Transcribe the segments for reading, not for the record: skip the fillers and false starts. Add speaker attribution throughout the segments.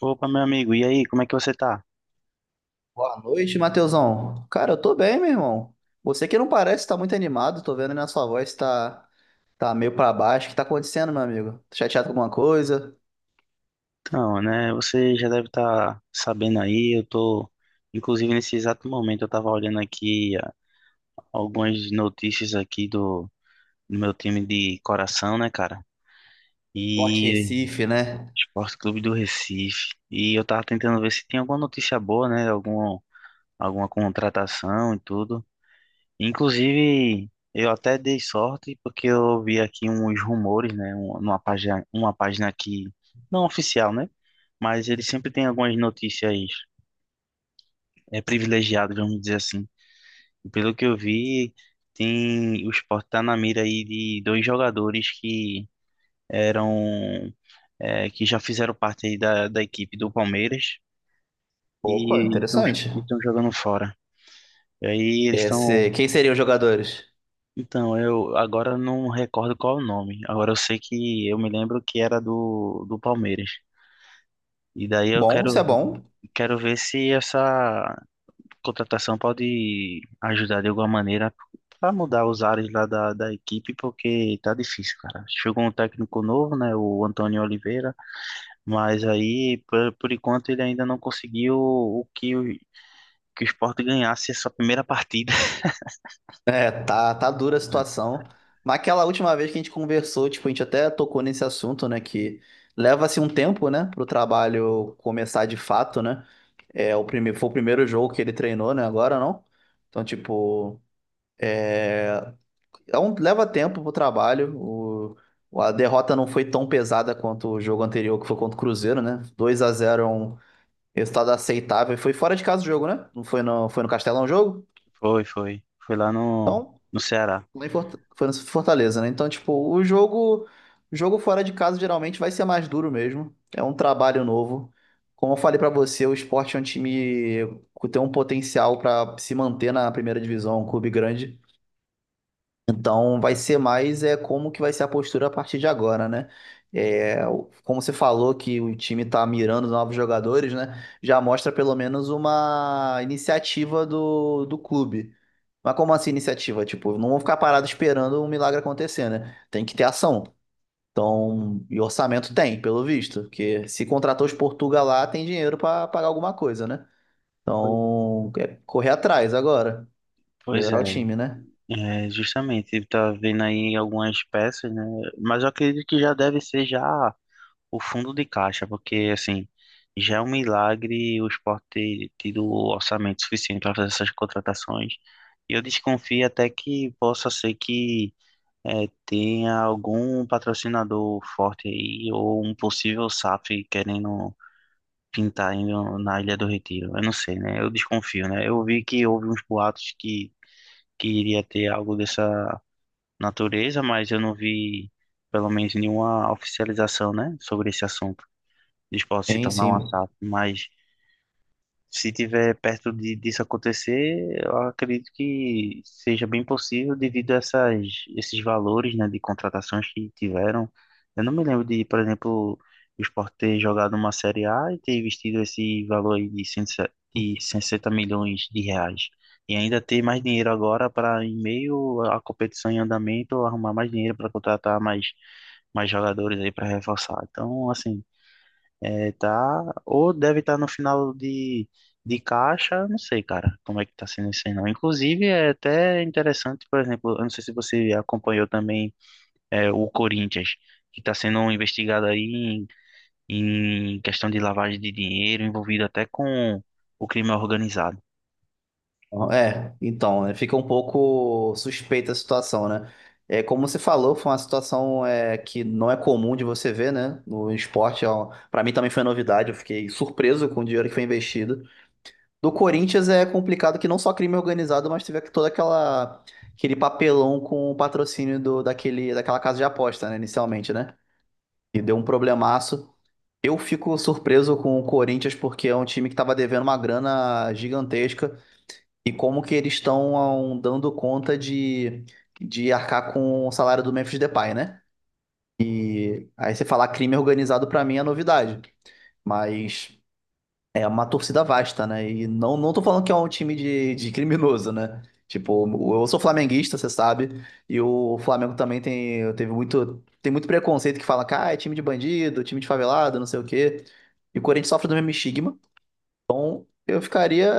Speaker 1: Opa, meu amigo, e aí, como é que você tá?
Speaker 2: Boa noite, Matheusão. Cara, eu tô bem, meu irmão. Você que não parece tá muito animado, tô vendo aí na sua voz, tá meio pra baixo. O que tá acontecendo, meu amigo? Tá chateado com alguma coisa?
Speaker 1: Então, né, você já deve estar sabendo aí, eu tô, inclusive nesse exato momento, eu tava olhando aqui algumas notícias aqui do meu time de coração, né, cara?
Speaker 2: Forte
Speaker 1: E
Speaker 2: Recife, né?
Speaker 1: Esporte Clube do Recife. E eu tava tentando ver se tinha alguma notícia boa, né, alguma contratação e tudo. Inclusive, eu até dei sorte porque eu vi aqui uns rumores, né? Uma página que não oficial, né? Mas ele sempre tem algumas notícias privilegiadas, vamos dizer assim. E pelo que eu vi, tem o Sport tá na mira aí de dois jogadores que eram que já fizeram parte aí da equipe do Palmeiras
Speaker 2: Opa,
Speaker 1: e
Speaker 2: interessante.
Speaker 1: estão jogando fora. E aí eles estão
Speaker 2: Quem seriam os jogadores?
Speaker 1: Então, eu agora não recordo qual é o nome. Agora eu sei que eu me lembro que era do Palmeiras. E daí eu
Speaker 2: Bom,
Speaker 1: quero,
Speaker 2: isso é bom.
Speaker 1: quero ver se essa contratação pode ajudar de alguma maneira para mudar os ares lá da equipe, porque tá difícil, cara. Chegou um técnico novo, né, o Antônio Oliveira, mas aí, por enquanto, ele ainda não conseguiu o que o Sport ganhasse essa primeira partida.
Speaker 2: Tá dura a situação. Mas aquela última vez que a gente conversou, tipo, a gente até tocou nesse assunto, né? Que leva-se um tempo, né, pro trabalho começar de fato, né? Foi o primeiro jogo que ele treinou, né? Agora não. Então, tipo, é, leva tempo pro trabalho. A derrota não foi tão pesada quanto o jogo anterior, que foi contra o Cruzeiro, né? 2 a zero, é um resultado aceitável. Foi fora de casa o jogo, né? Foi no Castelão o jogo?
Speaker 1: Foi, foi. Foi lá no,
Speaker 2: Então,
Speaker 1: no Ceará.
Speaker 2: Foi no Fortaleza, né? Então, tipo, o jogo fora de casa geralmente vai ser mais duro mesmo. É um trabalho novo. Como eu falei pra você, o Sport é um time que tem um potencial pra se manter na primeira divisão, um clube grande. Então vai ser mais é como que vai ser a postura a partir de agora, né? Como você falou que o time tá mirando novos jogadores, né? Já mostra pelo menos uma iniciativa do clube. Mas como assim iniciativa? Tipo, não vão ficar parados esperando um milagre acontecer, né? Tem que ter ação. Então, e orçamento tem, pelo visto, porque se contratou os Portuga lá, tem dinheiro pra pagar alguma coisa, né?
Speaker 1: Foi.
Speaker 2: Então, é correr atrás agora,
Speaker 1: Pois é.
Speaker 2: melhorar o time, né?
Speaker 1: É, justamente, tá vendo aí algumas peças, né? Mas eu acredito que já deve ser já o fundo de caixa, porque assim, já é um milagre o esporte ter tido o orçamento suficiente para fazer essas contratações. E eu desconfio até que possa ser que tenha algum patrocinador forte aí, ou um possível SAF querendo pintar aí na Ilha do Retiro. Eu não sei, né? Eu desconfio, né? Eu vi que houve uns boatos que iria ter algo dessa natureza, mas eu não vi, pelo menos, nenhuma oficialização, né, sobre esse assunto, de esporte se
Speaker 2: Sim,
Speaker 1: tornar uma
Speaker 2: sim.
Speaker 1: SAF. Mas se tiver perto disso acontecer, eu acredito que seja bem possível devido a esses valores, né, de contratações que tiveram. Eu não me lembro de, por exemplo, o Sport ter jogado uma Série A e ter investido esse valor aí de 160 milhões de reais. E ainda ter mais dinheiro agora para, em meio à competição em andamento, arrumar mais dinheiro para contratar mais jogadores aí para reforçar. Então, assim, tá, ou deve estar no final de caixa, não sei, cara, como é que tá sendo isso aí, não. Inclusive, é até interessante, por exemplo, eu não sei se você acompanhou também o Corinthians, que está sendo investigado aí em questão de lavagem de dinheiro, envolvido até com o crime organizado.
Speaker 2: É, então, né, fica um pouco suspeita a situação, né? É, como você falou, foi uma situação que não é comum de você ver, né? No esporte, para mim também foi novidade, eu fiquei surpreso com o dinheiro que foi investido. Do Corinthians é complicado que não só crime organizado, mas teve toda aquela aquele papelão com o patrocínio daquela casa de aposta, né, inicialmente, né? E deu um problemaço. Eu fico surpreso com o Corinthians porque é um time que estava devendo uma grana gigantesca. E como que eles estão dando conta de arcar com o salário do Memphis Depay, né? E aí você falar crime organizado pra mim é novidade, mas é uma torcida vasta, né? E não tô falando que é um time de criminoso, né? Tipo, eu sou flamenguista, você sabe, e o Flamengo também tem muito preconceito que fala que ah, é time de bandido, time de favelado, não sei o quê. E o Corinthians sofre do mesmo estigma. Eu ficaria.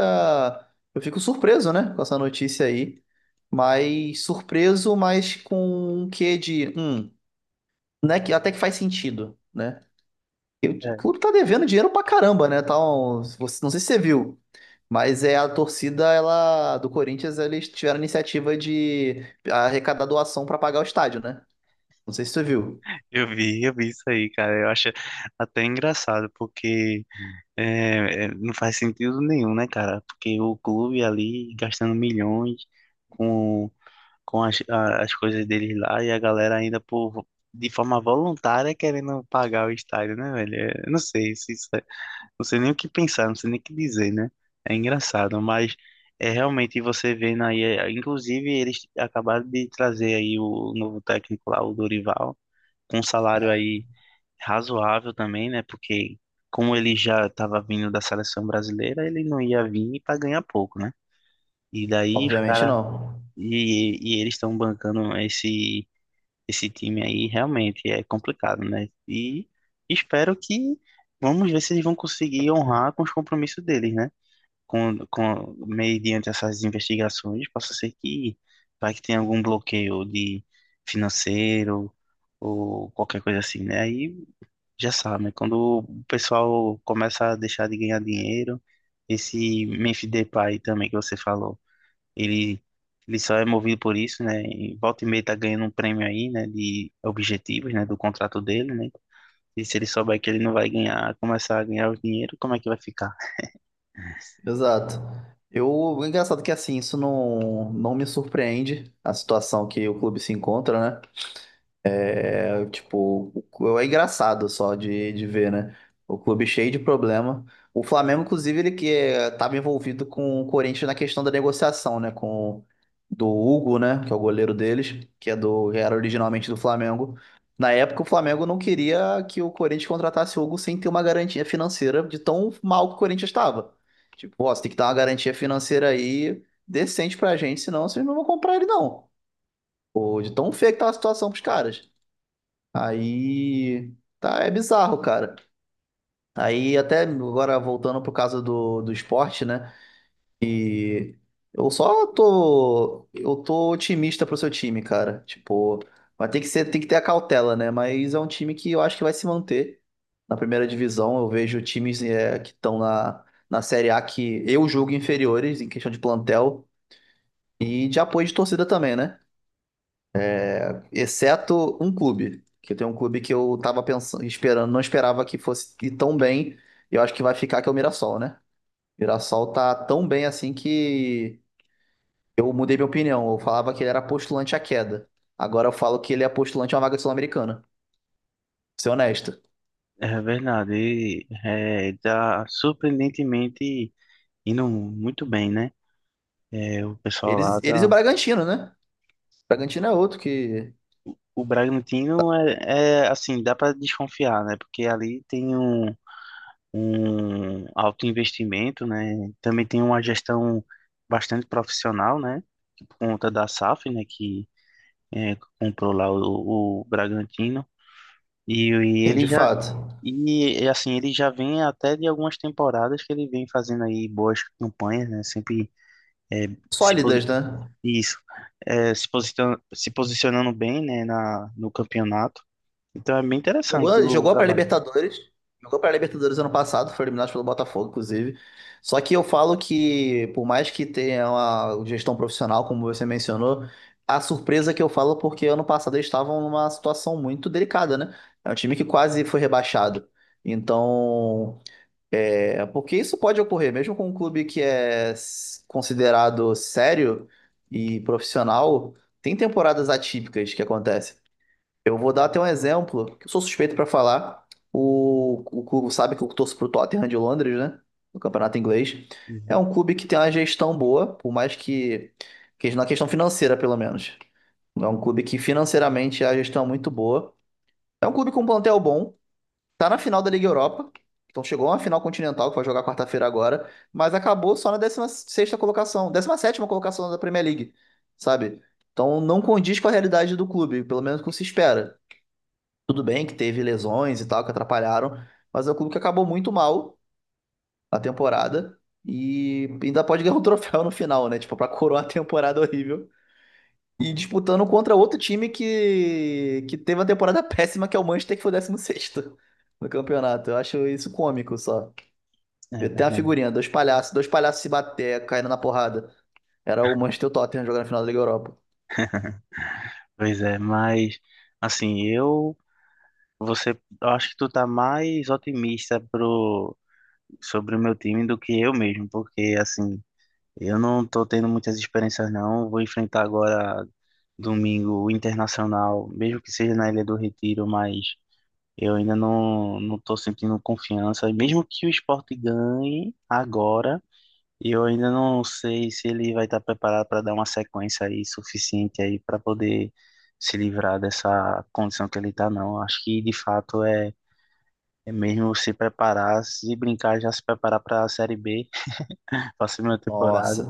Speaker 2: Eu fico surpreso, né, com essa notícia aí. Mas surpreso, mas com um quê de. Né, que até que faz sentido, né? E o
Speaker 1: É.
Speaker 2: clube tá devendo dinheiro pra caramba, né? Não sei se você viu, mas é a torcida ela do Corinthians, eles tiveram a iniciativa de arrecadar doação pra pagar o estádio, né? Não sei se você viu.
Speaker 1: Eu vi isso aí, cara. Eu acho até engraçado, porque não faz sentido nenhum, né, cara? Porque o clube ali gastando milhões com com as coisas deles lá e a galera ainda por de forma voluntária querendo pagar o estádio, né, velho? É, eu não sei se não sei nem o que pensar, não sei nem o que dizer, né? É engraçado, mas é realmente você vendo aí, inclusive eles acabaram de trazer aí o novo técnico lá, o Dorival, com um salário aí razoável também, né? Porque como ele já estava vindo da seleção brasileira, ele não ia vir para ganhar pouco, né? E daí os
Speaker 2: Obviamente
Speaker 1: caras
Speaker 2: não.
Speaker 1: e eles estão bancando esse time aí realmente é complicado, né? E espero que vamos ver se eles vão conseguir honrar com os compromissos deles, né? Com mediante essas investigações, possa ser que vai que tenha algum bloqueio de financeiro ou qualquer coisa assim, né? Aí já sabe, né? Quando o pessoal começa a deixar de ganhar dinheiro, esse Memphis Depay também que você falou ele, ele só é movido por isso, né? E volta e meia tá ganhando um prêmio aí, né? De objetivos, né? Do contrato dele, né? E se ele souber que ele não vai ganhar, começar a ganhar o dinheiro, como é que vai ficar?
Speaker 2: Exato. O engraçado é que assim, não me surpreende a situação que o clube se encontra, né? É, tipo, é engraçado só de ver, né? O clube cheio de problema. O Flamengo, inclusive, ele que estava envolvido com o Corinthians na questão da negociação, né? Com Do Hugo, né? Que é o goleiro deles, que é que era originalmente do Flamengo. Na época, o Flamengo não queria que o Corinthians contratasse o Hugo sem ter uma garantia financeira de tão mal que o Corinthians estava. Tipo, ó, você tem que dar uma garantia financeira aí decente pra gente, senão vocês não vão comprar ele, não. Pô, de tão feio que tá a situação pros caras. Aí, tá, é bizarro, cara. Aí, até agora voltando pro caso do esporte, né? E eu tô otimista pro seu time, cara. Tipo, vai ter que ser, tem que ter a cautela, né? Mas é um time que eu acho que vai se manter na primeira divisão. Eu vejo times que estão na Série A que eu julgo inferiores em questão de plantel e de apoio de torcida também, né? Exceto um clube, que tem um clube que eu tava pensando, esperando, não esperava que fosse ir tão bem. Eu acho que vai ficar que é o Mirassol, né? O Mirassol tá tão bem assim que eu mudei minha opinião. Eu falava que ele era postulante à queda. Agora eu falo que ele é postulante a uma vaga sul-americana. Ser honesto.
Speaker 1: É verdade, ele tá surpreendentemente indo muito bem, né? É, o pessoal lá
Speaker 2: Eles e o
Speaker 1: tá.
Speaker 2: Bragantino, né? O Bragantino é outro que,
Speaker 1: O Bragantino é assim, dá para desconfiar, né? Porque ali tem um alto investimento, né? Também tem uma gestão bastante profissional, né? Por conta da SAF, né? Que comprou lá o Bragantino. E
Speaker 2: sim,
Speaker 1: ele
Speaker 2: de
Speaker 1: já.
Speaker 2: fato,
Speaker 1: E assim, ele já vem até de algumas temporadas que ele vem fazendo aí boas campanhas, né? Sempre é, se, posi-
Speaker 2: sólidas, né?
Speaker 1: isso, se posicionando bem, né, no campeonato. Então é bem interessante o
Speaker 2: Jogou para
Speaker 1: trabalho.
Speaker 2: Libertadores. Jogou para Libertadores ano passado, foi eliminado pelo Botafogo, inclusive. Só que eu falo que, por mais que tenha uma gestão profissional, como você mencionou, a surpresa que eu falo é porque ano passado eles estavam numa situação muito delicada, né? É um time que quase foi rebaixado. Então, é, porque isso pode ocorrer, mesmo com um clube que é s- considerado sério e profissional, tem temporadas atípicas que acontecem. Eu vou dar até um exemplo, que eu sou suspeito para falar. O clube sabe que eu torço pro Tottenham de Londres, né? No campeonato inglês. É
Speaker 1: Uhum.
Speaker 2: um clube que tem uma gestão boa, que na questão financeira, pelo menos. É um clube que financeiramente a gestão é muito boa. É um clube com um plantel bom, tá na final da Liga Europa. Então chegou a uma final continental que vai jogar quarta-feira agora, mas acabou só na décima sexta colocação, décima sétima colocação da Premier League, sabe? Então não condiz com a realidade do clube, pelo menos com o que se espera. Tudo bem que teve lesões e tal que atrapalharam, mas é um clube que acabou muito mal a temporada e ainda pode ganhar um troféu no final, né? Tipo, pra coroar a temporada horrível. E disputando contra outro time que teve uma temporada péssima, que é o Manchester, que foi o décimo sexto no campeonato. Eu acho isso cômico só.
Speaker 1: É
Speaker 2: Vi até a
Speaker 1: verdade.
Speaker 2: figurinha, dois palhaços se bater, caindo na porrada. Era o Manchester e o Tottenham jogando na final da Liga Europa.
Speaker 1: Pois é, mas assim, eu acho que tu tá mais otimista pro sobre o meu time do que eu mesmo, porque assim, eu não tô tendo muitas experiências não, vou enfrentar agora domingo o Internacional, mesmo que seja na Ilha do Retiro, mas eu ainda não tô sentindo confiança, e mesmo que o Sport ganhe agora, e eu ainda não sei se ele vai estar preparado para dar uma sequência aí suficiente aí para poder se livrar dessa condição que ele está, não. Acho que de fato é mesmo se preparar, se brincar, já se preparar para a Série B, para a segunda
Speaker 2: Nossa,
Speaker 1: temporada.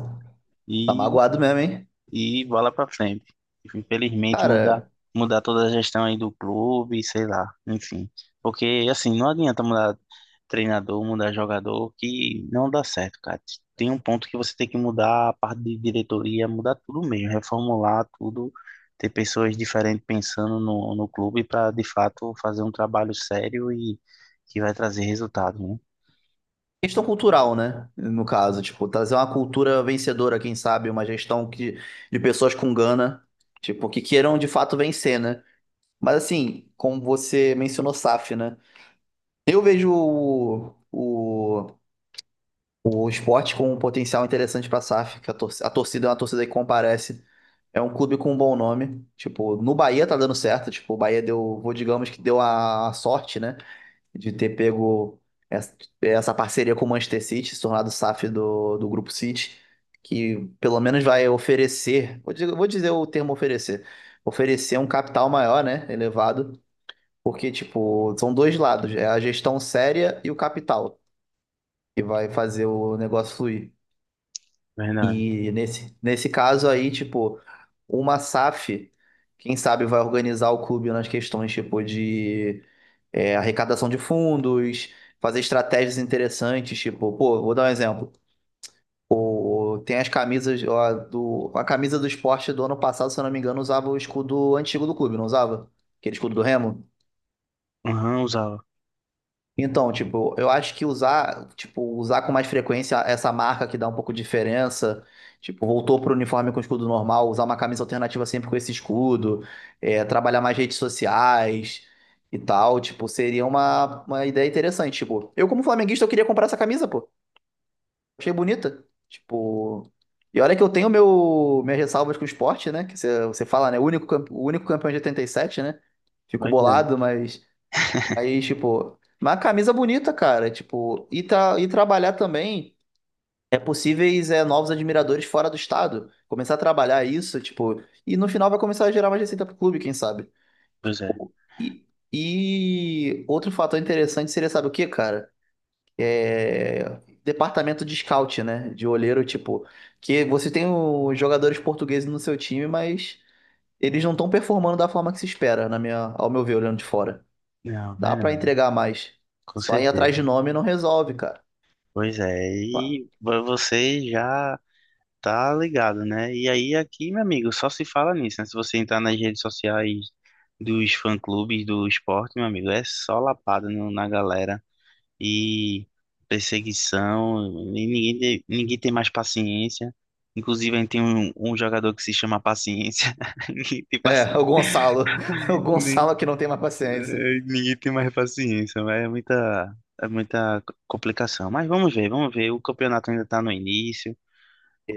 Speaker 2: tá
Speaker 1: E
Speaker 2: magoado mesmo, hein?
Speaker 1: e bola pra frente. Infelizmente, mudar,
Speaker 2: Cara,
Speaker 1: mudar toda a gestão aí do clube, sei lá, enfim. Porque, assim, não adianta mudar treinador, mudar jogador, que não dá certo, cara. Tem um ponto que você tem que mudar a parte de diretoria, mudar tudo mesmo, reformular tudo, ter pessoas diferentes pensando no clube para, de fato, fazer um trabalho sério e que vai trazer resultado, né?
Speaker 2: questão cultural, né? No caso, tipo, trazer uma cultura vencedora, quem sabe, uma gestão que, de pessoas com gana, tipo, que queiram de fato vencer, né? Mas assim, como você mencionou SAF, né? Eu vejo o esporte com um potencial interessante pra SAF, que a, tor- a torcida é uma torcida que comparece. É um clube com um bom nome. Tipo, no Bahia tá dando certo, tipo, o Bahia deu, vou digamos que deu a sorte, né? De ter pego essa parceria com o Manchester City, se tornado SAF do Grupo City, que pelo menos vai oferecer, vou dizer o termo oferecer, oferecer um capital maior, né, elevado, porque, tipo, são dois lados, é a gestão séria e o capital, que vai fazer o negócio fluir.
Speaker 1: Verdade.
Speaker 2: E nesse caso aí, tipo, uma SAF, quem sabe vai organizar o clube nas questões, tipo, de arrecadação de fundos, fazer estratégias interessantes, tipo, pô, vou dar um exemplo. O- tem as camisas, ó, do, a camisa do esporte do ano passado, se eu não me engano, usava o escudo antigo do clube, não usava? Aquele escudo do Remo?
Speaker 1: Aham, usava.
Speaker 2: Então, tipo, eu acho que usar com mais frequência essa marca que dá um pouco de diferença, tipo, voltou pro uniforme com escudo normal, usar uma camisa alternativa sempre com esse escudo, é, trabalhar mais redes sociais e tal, tipo, seria uma ideia interessante, tipo, eu como flamenguista eu queria comprar essa camisa, pô, achei bonita, tipo, e olha que eu tenho minhas ressalvas com o esporte, né, que você fala, né, o único, campe- o único campeão de 87, né, fico
Speaker 1: Pois é,
Speaker 2: bolado, mas aí, tipo, uma camisa bonita, cara. Tipo, e trabalhar também possíveis novos admiradores fora do estado. Começar a trabalhar isso, tipo, e no final vai começar a gerar mais receita pro clube, quem sabe?
Speaker 1: pois é.
Speaker 2: Tipo, e, e outro fator interessante seria, sabe o quê, cara? É. Departamento de scout, né? De olheiro, tipo, que você tem os jogadores portugueses no seu time, mas eles não estão performando da forma que se espera, na minha, ao meu ver, olhando de fora.
Speaker 1: Não,
Speaker 2: Dá pra
Speaker 1: verdade,
Speaker 2: entregar mais.
Speaker 1: com
Speaker 2: Só ir atrás de
Speaker 1: certeza.
Speaker 2: nome não resolve, cara.
Speaker 1: Pois é, e você já tá ligado, né? E aí aqui, meu amigo, só se fala nisso, né? Se você entrar nas redes sociais dos fã-clubes do esporte, meu amigo, é só lapada na galera e perseguição, e ninguém tem mais paciência. Inclusive, aí tem um jogador que se chama Paciência. Ninguém tem
Speaker 2: É,
Speaker 1: paciência,
Speaker 2: o Gonçalo. O
Speaker 1: nem,
Speaker 2: Gonçalo que não tem mais paciência.
Speaker 1: eh, ninguém tem mais paciência, mas é muita complicação. Mas vamos ver, vamos ver. O campeonato ainda tá no início.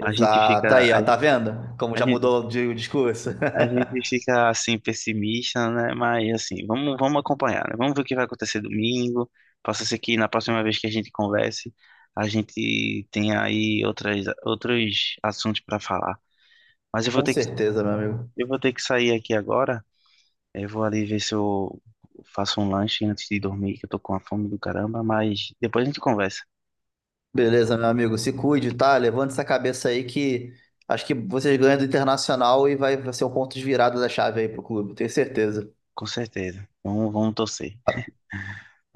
Speaker 1: A gente fica,
Speaker 2: Aí,
Speaker 1: a,
Speaker 2: ó, tá vendo? Como
Speaker 1: a
Speaker 2: já
Speaker 1: gente,
Speaker 2: mudou de o discurso.
Speaker 1: a gente fica assim pessimista, né? Mas assim, vamos acompanhar, né? Vamos ver o que vai acontecer domingo. Possa ser que na próxima vez que a gente converse, a gente tenha aí outros assuntos para falar. Mas
Speaker 2: Com certeza, meu amigo.
Speaker 1: eu vou ter que sair aqui agora. Eu vou ali ver se eu faço um lanche antes de dormir, que eu tô com a fome do caramba. Mas depois a gente conversa,
Speaker 2: Beleza, meu amigo. Se cuide, tá? Levante essa cabeça aí que acho que vocês ganham do Internacional e vai ser um ponto de virada da chave aí pro clube. Tenho certeza.
Speaker 1: com certeza. Vamos, vamos torcer.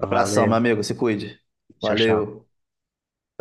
Speaker 2: Abração, meu amigo. Se cuide.
Speaker 1: tchau, tchau.
Speaker 2: Valeu.